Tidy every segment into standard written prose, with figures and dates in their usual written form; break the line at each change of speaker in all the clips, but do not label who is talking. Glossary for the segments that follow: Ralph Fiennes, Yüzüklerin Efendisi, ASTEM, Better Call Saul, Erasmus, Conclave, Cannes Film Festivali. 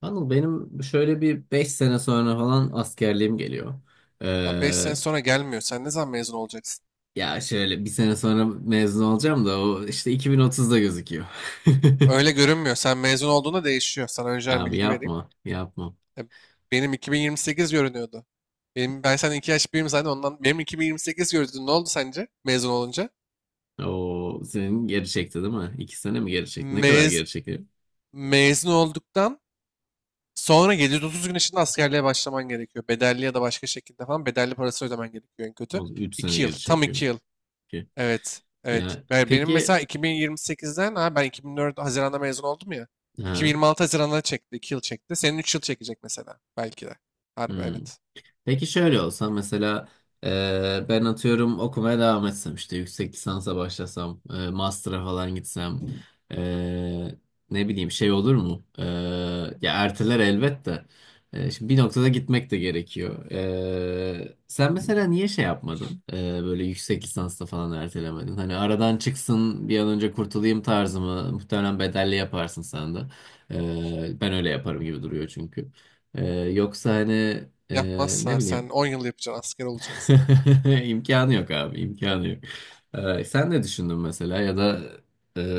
Anıl benim şöyle bir 5 sene sonra falan askerliğim geliyor.
Ha, 5 sene
Ee,
sonra gelmiyor. Sen ne zaman mezun olacaksın?
ya şöyle bir sene sonra mezun olacağım da o işte 2030'da gözüküyor.
Öyle görünmüyor. Sen mezun olduğunda değişiyor. Sana önceden
Abi
bilgi vereyim.
yapma, yapma.
Ya, benim 2028 görünüyordu. Ben sen 2 yaş büyüğüm zaten ondan. Benim 2028 göründü. Ne oldu sence mezun olunca?
O senin geri çekti değil mi? 2 sene mi geri çekti? Ne kadar
Mez,
geri çekiyor?
mezun olduktan sonra 730 gün içinde askerliğe başlaman gerekiyor. Bedelli ya da başka şekilde falan bedelli parası ödemen gerekiyor en kötü.
O 3 sene
2 yıl.
geri
Tam 2
çekiyor.
yıl.
Ki.
Evet. Evet.
Ya
Ve benim
peki,
mesela 2028'den ha ben 2004 Haziran'da mezun oldum ya.
ha,
2026 Haziran'da çekti. 2 yıl çekti. Senin 3 yıl çekecek mesela. Belki de. Harbi
hmm.
evet.
Peki şöyle olsa mesela ben atıyorum okumaya devam etsem, işte yüksek lisansa başlasam, master'a falan gitsem, e, ne bileyim, şey olur mu? Ya erteler elbette. Şimdi bir noktada gitmek de gerekiyor. Sen mesela niye şey yapmadın? Böyle yüksek lisansta falan ertelemedin. Hani aradan çıksın, bir an önce kurtulayım tarzımı, muhtemelen bedelli yaparsın sen de. Ben öyle yaparım gibi duruyor çünkü. Ee, yoksa hani, ne
Yapmazsan sen
bileyim,
10 yıl yapacaksın. Asker olacaksın.
imkanı yok abi, imkanı yok. Sen ne düşündün mesela, ya da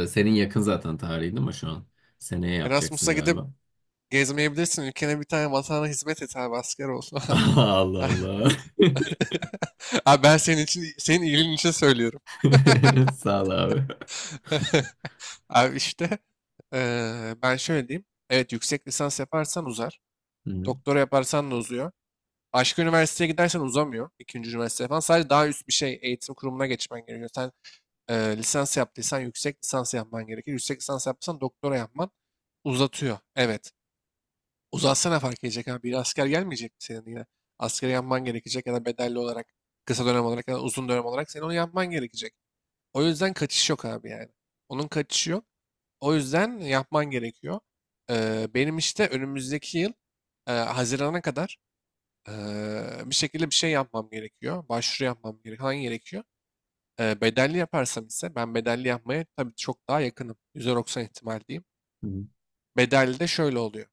senin yakın zaten tarihin değil mi şu an? Seneye yapacaksın
Erasmus'a gidip
galiba.
gezmeyebilirsin. Ülkene bir tane vatana hizmet et abi. Asker ol falan.
Allah Allah.
Abi ben senin için, senin iyiliğin için söylüyorum.
Sağ ol abi.
Abi işte ben şöyle diyeyim. Evet yüksek lisans yaparsan uzar.
Hı hı.
Doktora yaparsan da uzuyor. Başka üniversiteye gidersen uzamıyor. İkinci üniversite falan. Sadece daha üst bir şey eğitim kurumuna geçmen gerekiyor. Sen lisans yaptıysan yüksek lisans yapman gerekir. Yüksek lisans yaptıysan doktora yapman uzatıyor. Evet. Uzatsa ne fark edecek abi? Bir asker gelmeyecek mi senin yine? Askeri yapman gerekecek ya da bedelli olarak, kısa dönem olarak ya da uzun dönem olarak senin onu yapman gerekecek. O yüzden kaçış yok abi yani. Onun kaçışı yok. O yüzden yapman gerekiyor. Benim işte önümüzdeki yıl Haziran'a kadar bir şekilde bir şey yapmam gerekiyor. Başvuru yapmam gerekiyor. Hangi gerekiyor? Bedelli yaparsam ise ben bedelli yapmaya tabii çok daha yakınım. %90 ihtimal diyeyim. Bedelli de şöyle oluyor.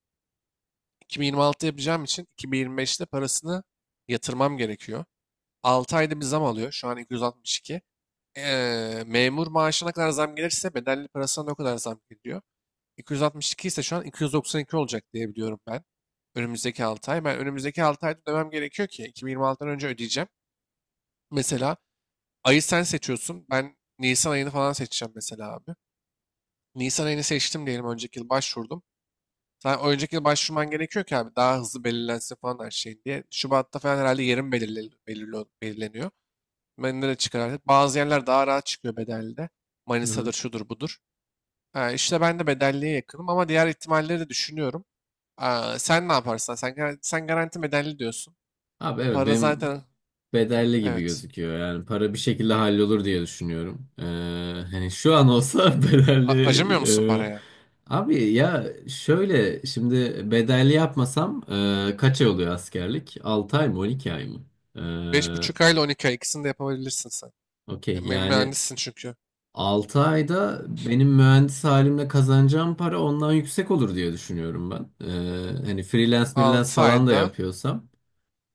2026 yapacağım için 2025'te parasını yatırmam gerekiyor. 6 ayda bir zam alıyor. Şu an 262. Memur maaşına kadar zam gelirse bedelli parasına da o kadar zam geliyor. 262 ise şu an 292 olacak diye biliyorum ben. Önümüzdeki 6 ay. Ben önümüzdeki 6 ayda ödemem gerekiyor ki 2026'dan önce ödeyeceğim. Mesela ayı sen seçiyorsun. Ben Nisan ayını falan seçeceğim mesela abi. Nisan ayını seçtim diyelim önceki yıl başvurdum. Sen o önceki yıl başvurman gerekiyor ki abi daha hızlı belirlensin falan her şey diye. Şubat'ta falan herhalde yerim belirleniyor. Ben de çıkar artık. Bazı yerler daha rahat çıkıyor bedelde.
Hı
Manisa'dır
hı.
şudur budur. Ha, işte ben de bedelliye yakınım ama diğer ihtimalleri de düşünüyorum. Aa, sen ne yaparsan sen garanti bedelli diyorsun.
Abi evet,
Para
benim
zaten
bedelli gibi
evet.
gözüküyor. Yani para bir şekilde hallolur diye düşünüyorum. Hani şu an olsa
Acımıyor musun
bedelli.
paraya?
Abi ya şöyle, şimdi bedelli yapmasam, kaç ay oluyor askerlik? 6 ay mı, 12 ay mı?
Beş buçuk ay ile 12 ay ikisini de yapabilirsin sen.
Ee, okey yani,
Mühendissin çünkü.
6 ayda benim mühendis halimle kazanacağım para ondan yüksek olur diye düşünüyorum ben. Hani freelance freelance
altı
falan da
ayda,
yapıyorsam.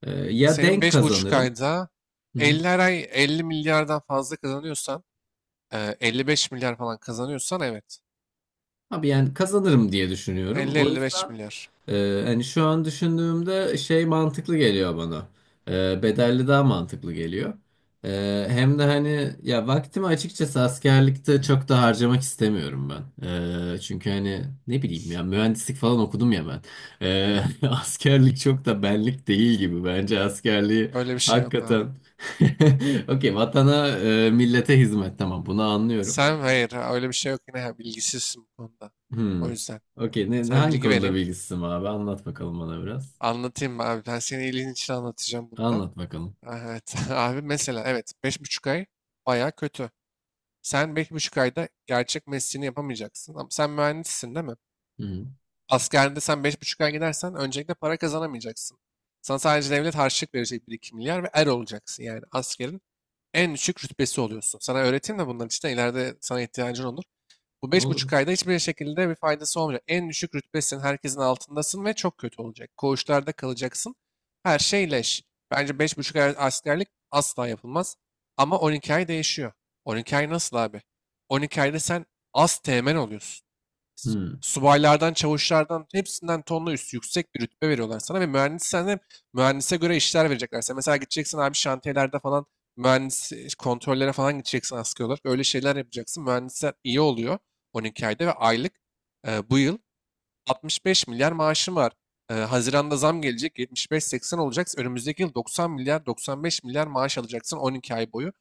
Ya
senin
denk
beş buçuk
kazanırım.
ayda 50, her ay 50 milyardan fazla kazanıyorsan, 55 milyar falan kazanıyorsan evet.
Abi yani kazanırım diye düşünüyorum.
elli
O
elli beş
yüzden
milyar.
hani şu an düşündüğümde şey mantıklı geliyor bana. Bedelli daha mantıklı geliyor. Hem de hani ya, vaktimi açıkçası askerlikte çok da harcamak istemiyorum ben. Çünkü hani ne bileyim, ya mühendislik falan okudum ya ben. Askerlik çok da benlik değil gibi, bence askerliği
Öyle bir şey yok abi.
hakikaten. Okey, vatana millete hizmet, tamam, bunu anlıyorum.
Sen hayır, ha, öyle bir şey yok yine ha, bilgisizsin bu konuda.
Hmm.
O yüzden
Okey. Ne,
sana
hangi
bilgi
konuda
vereyim.
bilgisizim abi? Anlat bakalım bana biraz.
Anlatayım mı abi? Ben senin iyiliğin için anlatacağım bunda.
Anlat bakalım.
Evet, abi mesela evet 5,5 ay baya kötü. Sen 5,5 ayda gerçek mesleğini yapamayacaksın. Ama sen mühendissin değil mi?
Hı.
Askerinde sen 5,5 ay gidersen öncelikle para kazanamayacaksın. Sana sadece devlet harçlık verecek 1-2 milyar ve er olacaksın. Yani askerin en düşük rütbesi oluyorsun. Sana öğreteyim de bunların için de ileride sana ihtiyacın olur. Bu beş
Olur.
buçuk ayda hiçbir şekilde bir faydası olmayacak. En düşük rütbesin, herkesin altındasın ve çok kötü olacak. Koğuşlarda kalacaksın. Her şey leş. Bence 5,5 ay askerlik asla yapılmaz. Ama 12 ay değişiyor. 12 ay nasıl abi? 12 ayda sen az teğmen oluyorsun.
Hı.
Subaylardan, çavuşlardan hepsinden tonla üstü yüksek bir rütbe veriyorlar sana ve mühendissen de mühendise göre işler verecekler. Sen mesela gideceksin abi şantiyelerde falan mühendis kontrollere falan gideceksin askeri olarak. Öyle şeyler yapacaksın. Mühendisler iyi oluyor 12 ayda ve aylık bu yıl 65 milyar maaşım var. Haziran'da zam gelecek 75-80 olacak. Önümüzdeki yıl 90 milyar 95 milyar maaş alacaksın 12 ay boyu.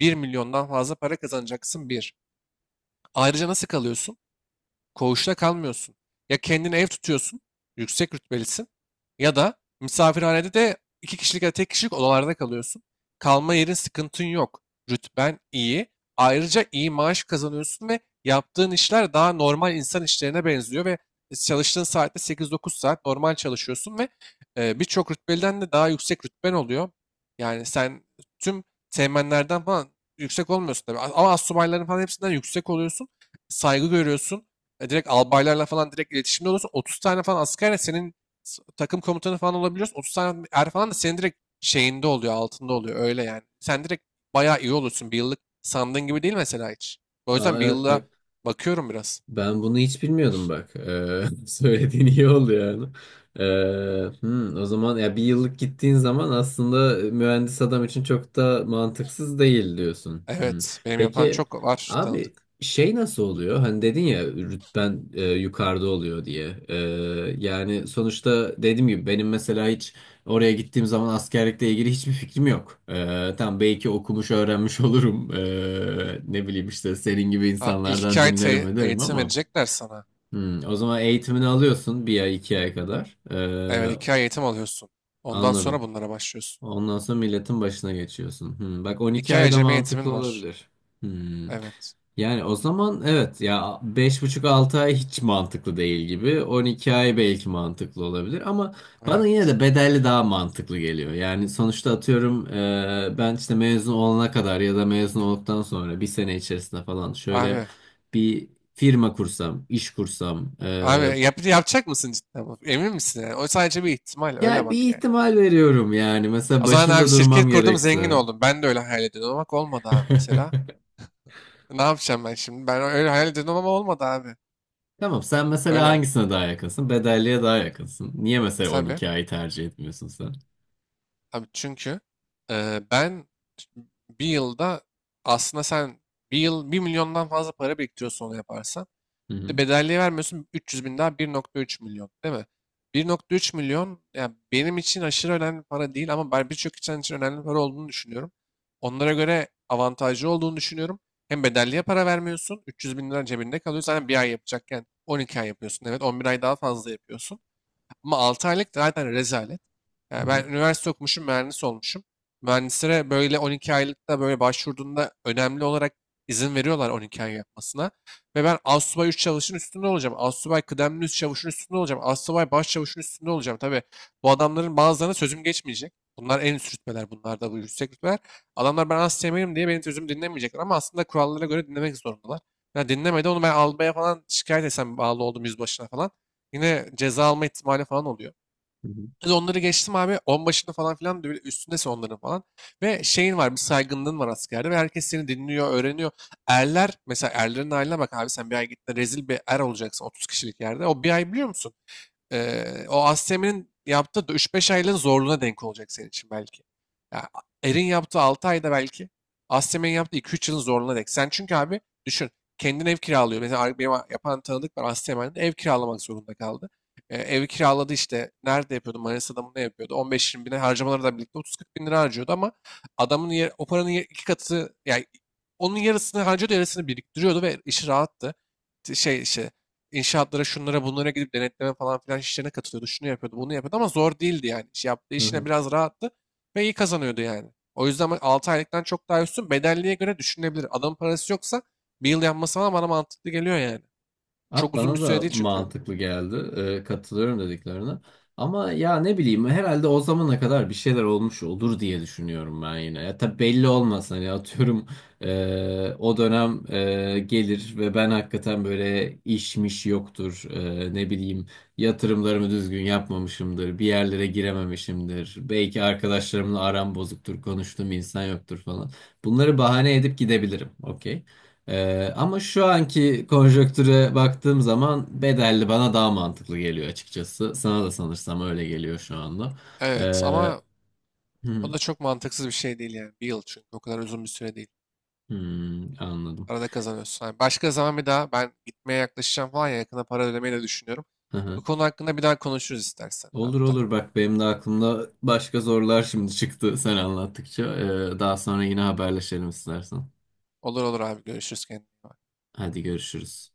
1 milyondan fazla para kazanacaksın bir. Ayrıca nasıl kalıyorsun? Koğuşta kalmıyorsun. Ya kendine ev tutuyorsun, yüksek rütbelisin ya da misafirhanede de iki kişilik ya da tek kişilik odalarda kalıyorsun. Kalma yerin sıkıntın yok. Rütben iyi. Ayrıca iyi maaş kazanıyorsun ve yaptığın işler daha normal insan işlerine benziyor ve çalıştığın saatte 8-9 saat normal çalışıyorsun ve birçok rütbeliden de daha yüksek rütben oluyor. Yani sen tüm teğmenlerden falan yüksek olmuyorsun tabii. Ama astsubayların falan hepsinden yüksek oluyorsun. Saygı görüyorsun. Direkt albaylarla falan direkt iletişimde olursun. 30 tane falan askerle senin takım komutanı falan olabiliyorsun. 30 tane er falan da senin direkt şeyinde oluyor, altında oluyor. Öyle yani. Sen direkt bayağı iyi olursun. Bir yıllık sandığın gibi değil mesela hiç. O
Aa,
yüzden bir
evet,
yılda
bak.
bakıyorum biraz.
Ben bunu hiç bilmiyordum, bak. Söylediğin iyi oldu yani. Ee, hı, o zaman ya bir yıllık gittiğin zaman aslında, mühendis adam için çok da mantıksız değil diyorsun. Hı.
Evet, benim yapan
Peki
çok var
abi,
tanıdık.
şey nasıl oluyor? Hani dedin ya, rütben yukarıda oluyor diye. Yani sonuçta, dediğim gibi benim mesela hiç oraya gittiğim zaman askerlikle ilgili hiçbir fikrim yok. Tam belki okumuş, öğrenmiş olurum. Ne bileyim, işte senin gibi
Ha, ilk iki
insanlardan
ay
dinlerim, ederim
eğitim
ama.
verecekler sana.
O zaman eğitimini alıyorsun bir ay, iki ay kadar.
Evet,
Ee,
2 ay eğitim alıyorsun. Ondan sonra
anladım.
bunlara başlıyorsun.
Ondan sonra milletin başına geçiyorsun. Bak, 12
2 ay
ayda
acemi eğitimin
mantıklı
var.
olabilir. Hmm.
Evet.
Yani o zaman evet, ya 5,5-6 ay hiç mantıklı değil gibi. 12 ay belki mantıklı olabilir ama bana yine
Evet.
de bedelli daha mantıklı geliyor. Yani sonuçta atıyorum, ben işte mezun olana kadar ya da mezun olduktan sonra bir sene içerisinde falan şöyle
Abi
bir firma kursam, iş kursam,
Abi yapacak mısın cidden? Bu? Emin misin yani? O sadece bir ihtimal. Öyle
ya
bak
bir
yani.
ihtimal veriyorum yani. Mesela
O zaman abi
başında durmam
şirket kurdum zengin
gerekse.
oldum. Ben de öyle hayal ediyordum ama bak olmadı abi mesela. Ne yapacağım ben şimdi? Ben öyle hayal ediyordum ama olmadı abi.
Tamam, sen mesela
Öyle bak.
hangisine daha yakınsın? Bedelliye daha yakınsın. Niye mesela
Tabii.
12 ayı tercih etmiyorsun sen?
Abi çünkü ben bir yılda aslında sen bir yıl 1 milyondan fazla para biriktiriyorsun onu yaparsan.
Hı
Bir
hı.
de bedelliği vermiyorsun 300 bin daha 1,3 milyon değil mi? 1,3 milyon yani benim için aşırı önemli para değil ama ben birçok insan için önemli para olduğunu düşünüyorum. Onlara göre avantajlı olduğunu düşünüyorum. Hem bedelliğe para vermiyorsun 300 bin lira cebinde kalıyor. Zaten bir ay yapacakken 12 ay yapıyorsun, evet 11 ay daha fazla yapıyorsun. Ama 6 aylık zaten rezalet.
Hı
Yani
hı.
ben üniversite okumuşum, mühendis olmuşum. Mühendislere böyle 12 aylıkta böyle başvurduğunda önemli olarak izin veriyorlar 12 ay yapmasına. Ve ben astsubay 3 çavuşun üstünde olacağım. Astsubay kıdemli üst çavuşun üstünde olacağım. Astsubay baş çavuşun üstünde olacağım. Tabii bu adamların bazılarına sözüm geçmeyecek. Bunlar en üst rütbeler. Bunlar da bu yüksek rütbeler. Adamlar ben asteğmenim diye benim sözümü dinlemeyecekler. Ama aslında kurallara göre dinlemek zorundalar. Ya dinlemedi onu ben albaya falan şikayet etsem bağlı oldum yüzbaşına falan. Yine ceza alma ihtimali falan oluyor.
Hı hı.
Biz onları geçtim abi. On başında falan filan da böyle üstündesin onların falan. Ve şeyin var, bir saygınlığın var askerde ve herkes seni dinliyor, öğreniyor. Erler mesela erlerin haline bak abi sen bir ay gittin rezil bir er olacaksın 30 kişilik yerde. O bir ay biliyor musun? O ASTEM'in yaptığı üç beş aylığın zorluğuna denk olacak senin için belki. Ya, Er'in yaptığı 6 ayda belki ASTEM'in yaptığı 2-3 yılın zorluğuna denk. Sen çünkü abi düşün kendin ev kiralıyor. Mesela benim yapan tanıdık var ASTEM'de ev kiralamak zorunda kaldı. Ev kiraladı işte nerede yapıyordu, Manisa'da mı ne yapıyordu 15-20 bine, harcamalarla birlikte 30-40 bin lira harcıyordu ama adamın yer, o paranın yer- iki katı yani onun yarısını harcıyordu yarısını biriktiriyordu ve işi rahattı. Şey işte, İnşaatlara şunlara bunlara gidip denetleme falan filan işlerine katılıyordu. Şunu yapıyordu, bunu yapıyordu ama zor değildi yani. İş yaptığı
Hı
işine
hı.
biraz rahattı ve iyi kazanıyordu yani. O yüzden ben 6 aylıktan çok daha üstün bedelliğe göre düşünülebilir. Adamın parası yoksa bir yıl yapması falan bana mantıklı geliyor yani.
Abi
Çok uzun bir
bana
süre
da
değil çünkü.
mantıklı geldi. Katılıyorum dediklerine. Ama ya ne bileyim, herhalde o zamana kadar bir şeyler olmuş olur diye düşünüyorum ben yine. Ya tabii belli olmaz, hani atıyorum o dönem gelir ve ben hakikaten böyle, işmiş yoktur. Ne bileyim, yatırımlarımı düzgün yapmamışımdır. Bir yerlere girememişimdir. Belki arkadaşlarımla aram bozuktur. Konuştuğum insan yoktur falan. Bunları bahane edip gidebilirim. Okey. Ama şu anki konjonktüre baktığım zaman bedelli bana daha mantıklı geliyor açıkçası. Sana da sanırsam öyle geliyor şu anda.
Evet
Hı,
ama o da çok mantıksız bir şey değil yani. Bir yıl çünkü o kadar uzun bir süre değil.
hı, anladım.
Arada kazanıyorsun. Yani başka zaman bir daha ben gitmeye yaklaşacağım falan ya yakında para ödemeyi de düşünüyorum.
Hı
Bu
hı.
konu hakkında bir daha konuşuruz istersen
Olur
hatta.
olur, bak benim de aklımda başka sorular şimdi çıktı sen anlattıkça. Daha sonra yine haberleşelim istersen.
Olur olur abi görüşürüz, kendine iyi bak.
Hadi görüşürüz.